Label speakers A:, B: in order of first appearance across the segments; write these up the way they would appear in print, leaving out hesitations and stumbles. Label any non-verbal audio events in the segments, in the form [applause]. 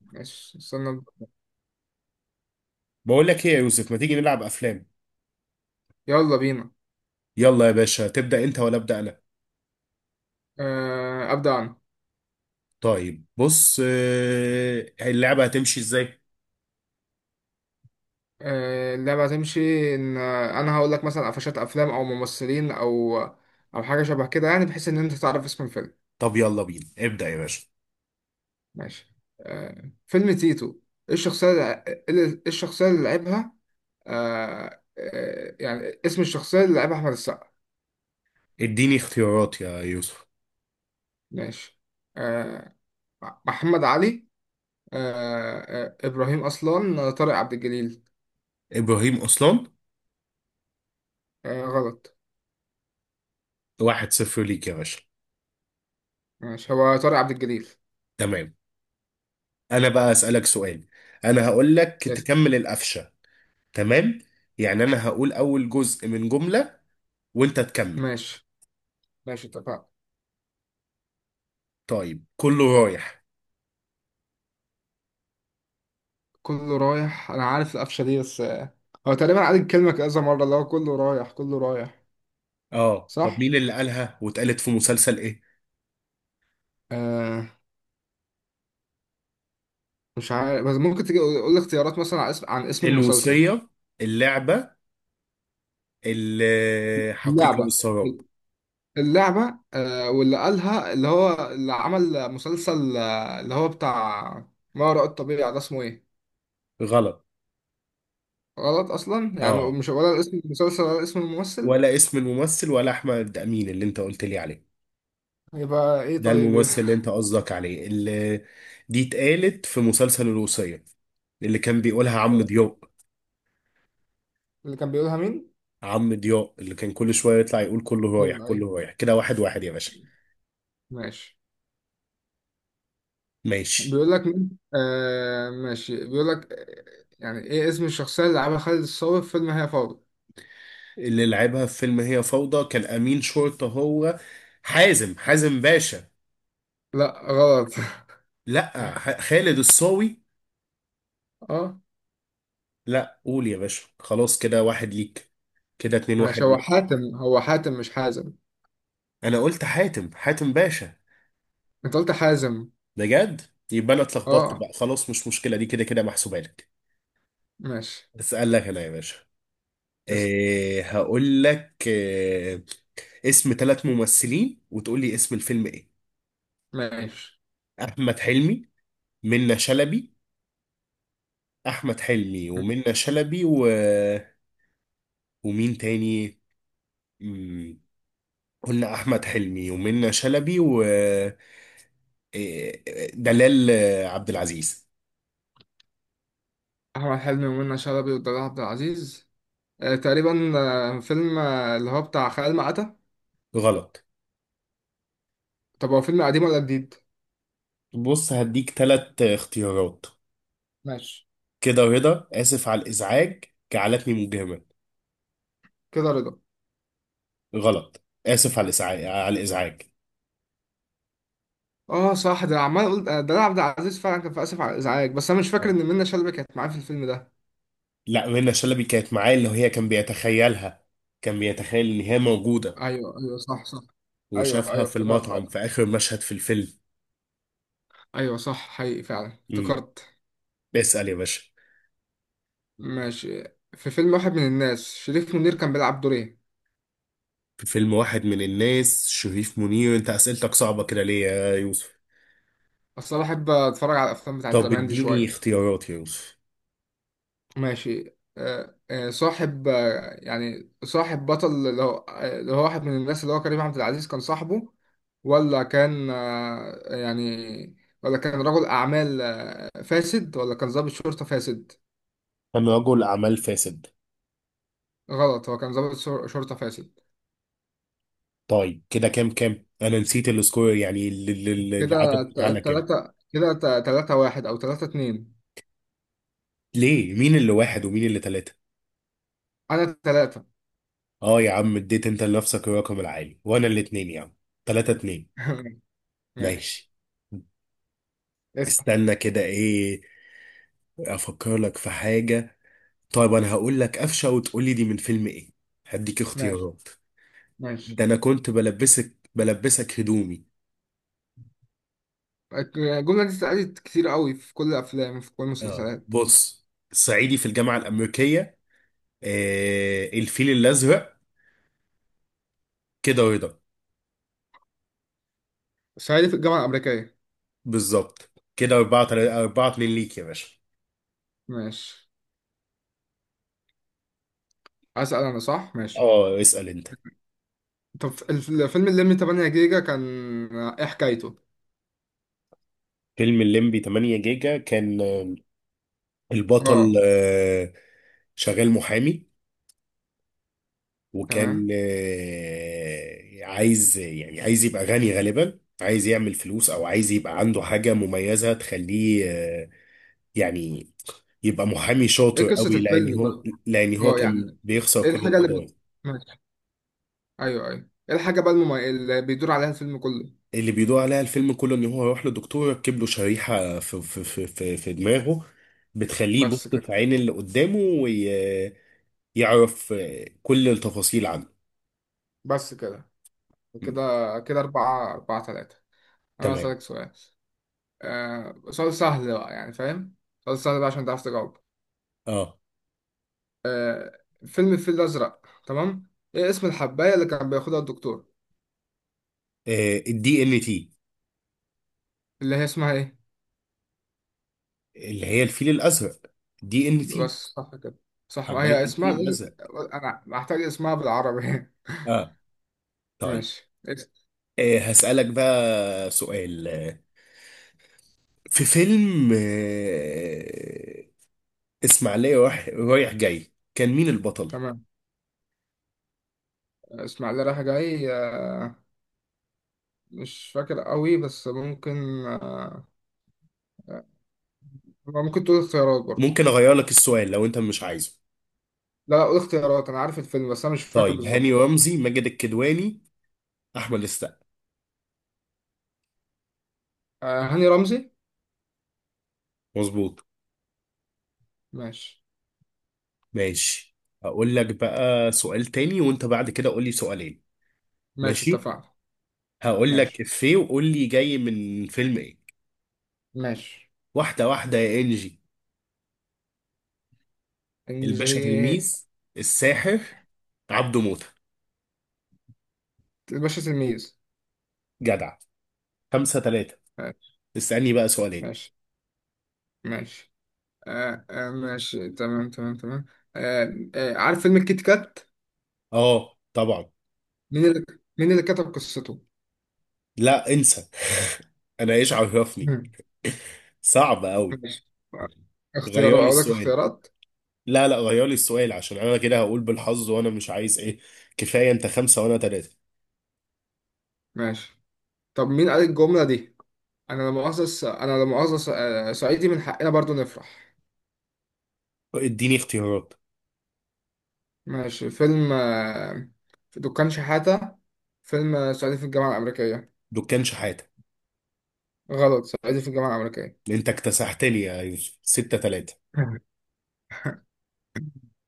A: ماشي، استنى.
B: بقول لك ايه يا يوسف، ما تيجي نلعب افلام؟
A: يلا بينا.
B: يلا يا باشا، تبدأ انت ولا أبدأ انا؟
A: أبدأ أنا.
B: طيب، بص، اللعبة هتمشي ازاي؟
A: اللعبة هتمشي إن أنا هقول لك مثلا قفشات أفلام، أو ممثلين، أو حاجة شبه كده يعني، بحيث إن أنت تعرف اسم الفيلم.
B: طب يلا بينا، ابدأ يا باشا.
A: ماشي. فيلم تيتو. إيه الشخصية؟ اللي إيه الشخصية اللي لعبها؟ يعني اسم الشخصية اللي لعبها أحمد السقا؟
B: اديني اختيارات يا يوسف.
A: ماشي. آه، محمد علي. آه، إبراهيم أصلان، طارق عبد الجليل.
B: ابراهيم اصلان.
A: غلط.
B: 1-0 ليك يا باشا.
A: ماشي، هو طارق عبد الجليل.
B: تمام. انا بقى اسألك سؤال. انا هقول لك
A: يس.
B: تكمل القفشة. تمام. يعني انا هقول اول جزء من جملة، وانت تكمل.
A: ماشي. ماشي، اتفقنا.
B: طيب، كله رايح.
A: كله رايح، انا عارف القفشه دي بس. هو تقريبا عاد الكلمه كذا مره، اللي هو كله رايح كله رايح.
B: اه، طب
A: صح.
B: مين اللي قالها واتقالت في مسلسل ايه؟
A: آه. مش عارف، بس ممكن تجي قول لي اختيارات، مثلا عن اسم المسلسل.
B: الوصية. اللعبة. الحقيقة
A: اللعبه.
B: والسراب.
A: اللعبه، واللي قالها اللي هو اللي عمل مسلسل، اللي هو بتاع ما وراء الطبيعه، ده اسمه ايه؟
B: غلط.
A: غلط اصلا يعني،
B: اه،
A: مش ولا اسم المسلسل ولا اسم الممثل.
B: ولا اسم الممثل ولا احمد امين اللي انت قلت لي عليه.
A: يبقى ايه
B: ده
A: طيب؟
B: الممثل
A: [laughs]
B: اللي انت قصدك عليه، اللي دي اتقالت في مسلسل الوصية. اللي كان بيقولها عم ضياء.
A: اللي كان بيقولها مين؟
B: عم ضياء اللي كان كل شوية يطلع يقول كله رايح
A: ايوه، ايوه.
B: كله رايح كده، واحد واحد يا باشا.
A: ماشي.
B: ماشي.
A: بيقول لك مين؟ آه، ماشي. بيقول لك يعني، ايه اسم الشخصية اللي لعبها خالد الصاوي في فيلم هي فوضى؟
B: اللي لعبها في فيلم هي فوضى كان امين شرطة هو. حازم، حازم باشا.
A: لا، غلط.
B: لا، خالد الصاوي.
A: [laughs] اه.
B: لا، قول يا باشا، خلاص كده واحد ليك. كده 2-1
A: ماشي، هو
B: ليك.
A: حاتم هو حاتم مش حازم.
B: انا قلت حاتم، حاتم باشا.
A: انت قلت حازم.
B: بجد. يبقى انا اتلخبطت
A: اه.
B: بقى، خلاص مش مشكله، دي كده كده محسوبه لك.
A: ماشي.
B: اسال لك انا يا باشا.
A: اسم.
B: إيه هقول لك إيه. اسم ثلاث ممثلين وتقول لي اسم الفيلم ايه.
A: ماشي.
B: احمد حلمي. منة شلبي. احمد حلمي ومنة شلبي و، ومين تاني؟ مم، قلنا احمد حلمي ومنة شلبي و إيه، دلال عبد العزيز.
A: احمد حلمي ومنى شلبي ودلال عبد العزيز. تقريبا فيلم، اللي هو بتاع خيال مآتة.
B: غلط.
A: طب هو فيلم قديم ولا جديد؟
B: بص، هديك تلات اختيارات.
A: ماشي.
B: كده رضا. آسف على الإزعاج. جعلتني مجرما.
A: كده رضا.
B: غلط، آسف على الإزعاج.
A: اه، صح، ده عمال اقول دلال عبد العزيز فعلا كان في اسف على الازعاج، بس انا مش فاكر ان منى شلبي كانت معاه في الفيلم ده.
B: لا، منى شلبي كانت معاه، اللي هي كان بيتخيلها. كان بيتخيل إن هي موجودة.
A: ايوه، ايوه، صح، صح. ايوه،
B: وشافها
A: ايوه،
B: في
A: افتكرت،
B: المطعم
A: ايوه.
B: في آخر مشهد في الفيلم.
A: ايوه، صح، حقيقي فعلا
B: امم
A: افتكرت.
B: اسأل يا باشا.
A: ماشي. في فيلم واحد من الناس، شريف منير كان بيلعب دور ايه؟
B: في فيلم واحد من الناس شريف منير، أنت أسئلتك صعبة كده ليه يا يوسف؟
A: اصل انا بحب اتفرج على الافلام بتاعت
B: طب
A: زمان دي
B: اديني
A: شويه.
B: اختيارات يا يوسف.
A: ماشي. صاحب، يعني صاحب بطل اللي هو، اللي هو واحد من الناس، اللي هو كريم عبد العزيز كان صاحبه. ولا كان، يعني، ولا كان رجل اعمال فاسد، ولا كان ضابط شرطه فاسد؟
B: كان رجل أعمال فاسد.
A: غلط، هو كان ضابط شرطه فاسد.
B: طيب كده كام كام، انا نسيت السكور، يعني العدد بتاعنا كام؟
A: كده تلاتة واحد، أو تلاتة اتنين.
B: ليه، مين اللي واحد ومين اللي ثلاثة؟
A: أنا تلاتة.
B: اه يا عم، اديت انت لنفسك الرقم العالي وانا الاتنين يا عم. 3-2.
A: [laughs] ماشي،
B: ماشي.
A: اسأل.
B: استنى كده ايه. افكر لك في حاجة. طيب انا هقول لك قفشة وتقول لي دي من فيلم ايه. هديك
A: ماشي،
B: اختيارات.
A: ماشي.
B: ده انا كنت بلبسك هدومي.
A: الجملة دي اتسألت كتير قوي في كل الأفلام وفي كل المسلسلات.
B: بص. صعيدي في الجامعة الأمريكية. الفيل الأزرق. كده رضا.
A: صعيدي في الجامعة الأمريكية.
B: بالظبط. كده أربعة 4-2 ليك يا باشا.
A: ماشي، أسأل أنا صح؟ ماشي.
B: اه، اسأل انت.
A: طب الفيلم اللي من 8 جيجا كان، إيه حكايته؟
B: فيلم الليمبي 8 جيجا كان البطل
A: اه.
B: شغال محامي، وكان
A: تمام.
B: عايز، يعني عايز يبقى غني، غالبا عايز يعمل فلوس، او عايز يبقى عنده حاجة مميزة تخليه، يعني يبقى محامي شاطر
A: إيه قصة
B: قوي، لان
A: الفيلم ده؟
B: هو لان هو
A: اه،
B: كان
A: يعني،
B: بيخسر
A: إيه
B: كل
A: الحاجة اللي
B: القضايا.
A: ماشي. أيوه، أيوه، إيه الحاجة بقى اللي بيدور عليها الفيلم كله؟
B: اللي بيدور عليها الفيلم كله ان هو يروح لدكتور يركب له شريحة في دماغه. بتخليه يبص
A: بس
B: في
A: كده؟
B: عين اللي قدامه، ويعرف كل التفاصيل عنه.
A: بس كده؟
B: م.
A: كده. كده أربعة أربعة تلاتة. أنا
B: تمام.
A: هسألك سؤال. سؤال سهل بقى يعني، فاهم؟ سؤال سهل بقى عشان تعرف تجاوب.
B: اه.
A: فيلم الفيل الأزرق. تمام. إيه اسم الحباية اللي كان بياخدها الدكتور؟
B: الدي ان تي.
A: اللي هي اسمها إيه؟
B: اللي هي الفيل الازرق. دي ان
A: بس
B: تي.
A: صح كده؟ صح، ما
B: حبيت
A: هي اسمها
B: الفيل
A: لازم.
B: الازرق.
A: أنا محتاج اسمها بالعربي.
B: اه.
A: [laughs]
B: طيب.
A: ماشي،
B: هسألك بقى سؤال في فيلم اسماعيلية رايح جاي، كان مين البطل؟
A: تمام. اسماعيلية رايح جاي، مش فاكر قوي، بس ممكن، آه، ممكن تقول اختيارات برضه.
B: ممكن اغير لك السؤال لو انت مش عايزه.
A: لا، لا، قول اختيارات. أنا عارف الفيلم بس أنا مش فاكر
B: طيب، هاني
A: بالظبط.
B: رمزي، ماجد الكدواني، احمد السقا.
A: هاني رمزي.
B: مظبوط.
A: ماشي.
B: ماشي. هقول لك بقى سؤال تاني، وانت بعد كده قول لي سؤالين.
A: ماشي،
B: ماشي.
A: اتفقنا.
B: هقول لك
A: ماشي.
B: افيه وقول لي جاي من فيلم ايه.
A: ماشي.
B: واحده واحده يا انجي. الباشا
A: الجي.
B: تلميذ. الساحر. عبده موته.
A: الباشا تلميذ.
B: جدع. 5-3.
A: ماشي.
B: اسألني بقى سؤالين.
A: ماشي. ماشي. ماشي، تمام، تمام، تمام. عارف فيلم الكيت كات؟
B: اه، طبعا.
A: مين اللي مين اللي كتب قصته؟
B: لا انسى. [laughs] انا ايش عرفني.
A: مم.
B: [laughs] صعب قوي.
A: ماشي.
B: غير
A: اختيارات،
B: لي
A: اقول لك
B: السؤال.
A: اختيارات.
B: لا، لا غير لي السؤال عشان انا كده هقول بالحظ، وانا مش عايز ايه. كفايه، انت 5 وانا 3.
A: ماشي. طب مين قال الجملة دي، انا لما مؤاخذة، انا لما مؤاخذة، صعيدي من حقنا برضو نفرح؟
B: اديني اختيارات.
A: ماشي. فيلم، في دكان شحاتة. فيلم صعيدي في الجامعة الأمريكية.
B: دكان شحاته.
A: غلط، صعيدي في الجامعة الأمريكية.
B: انت اكتسحتني يا يوسف، 6-3.
A: [laughs]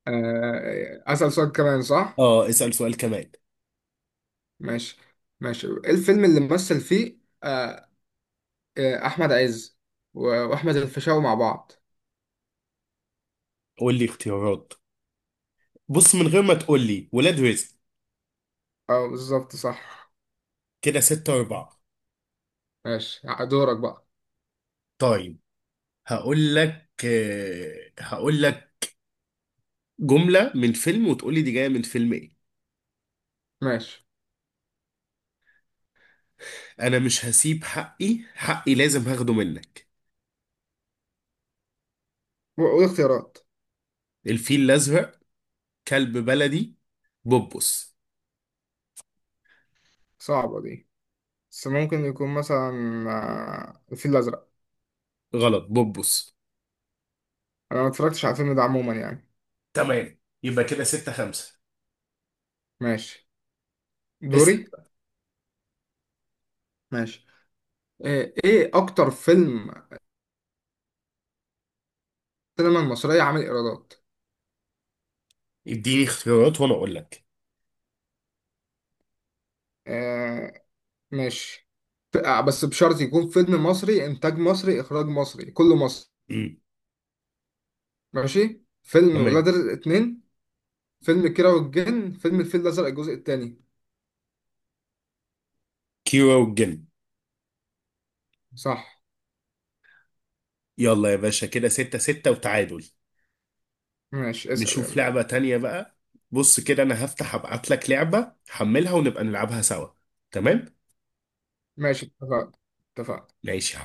A: أسأل سؤال كمان، صح؟
B: اه، اسال سؤال كمان.
A: ماشي. ماشي، إيه الفيلم اللي مثل فيه أحمد عز وأحمد الفيشاوي مع بعض؟
B: قول لي اختيارات. بص، من غير ما تقول لي ولاد رزق.
A: أه، بالظبط، صح.
B: كده 6-4.
A: ماشي. دورك بقى.
B: طيب، هقول لك جمله من فيلم وتقول لي دي جايه من فيلم ايه.
A: ماشي.
B: انا مش هسيب حقي، حقي لازم هاخده منك.
A: وإيه اختيارات؟
B: الفيل الازرق. كلب بلدي. بوبوس.
A: صعبة دي. بس ممكن يكون مثلا الفيل الأزرق.
B: غلط، بوبوس.
A: أنا ما اتفرجتش على الفيلم ده عموما يعني.
B: تمام، يبقى كده 6-5.
A: ماشي. دوري.
B: اسأل.
A: ماشي. إيه أكتر فيلم السينما المصرية عامل إيرادات؟
B: اديني اختيارات وانا اقول لك.
A: آه، ماشي. بس بشرط يكون فيلم مصري، انتاج مصري، اخراج مصري، كله مصري.
B: امم
A: ماشي. فيلم
B: تمام.
A: ولاد رزق اتنين، فيلم كيرة والجن، فيلم الفيل الازرق الجزء التاني.
B: كيرة والجن.
A: صح.
B: يلا يا باشا، كده 6-6 وتعادل.
A: ماشي، اسأل
B: نشوف
A: يلا.
B: لعبة تانية بقى. بص كده، انا هفتح ابعت لك لعبة حملها ونبقى نلعبها سوا. تمام.
A: ماشي، اتفقنا. اتفقنا.
B: ماشي.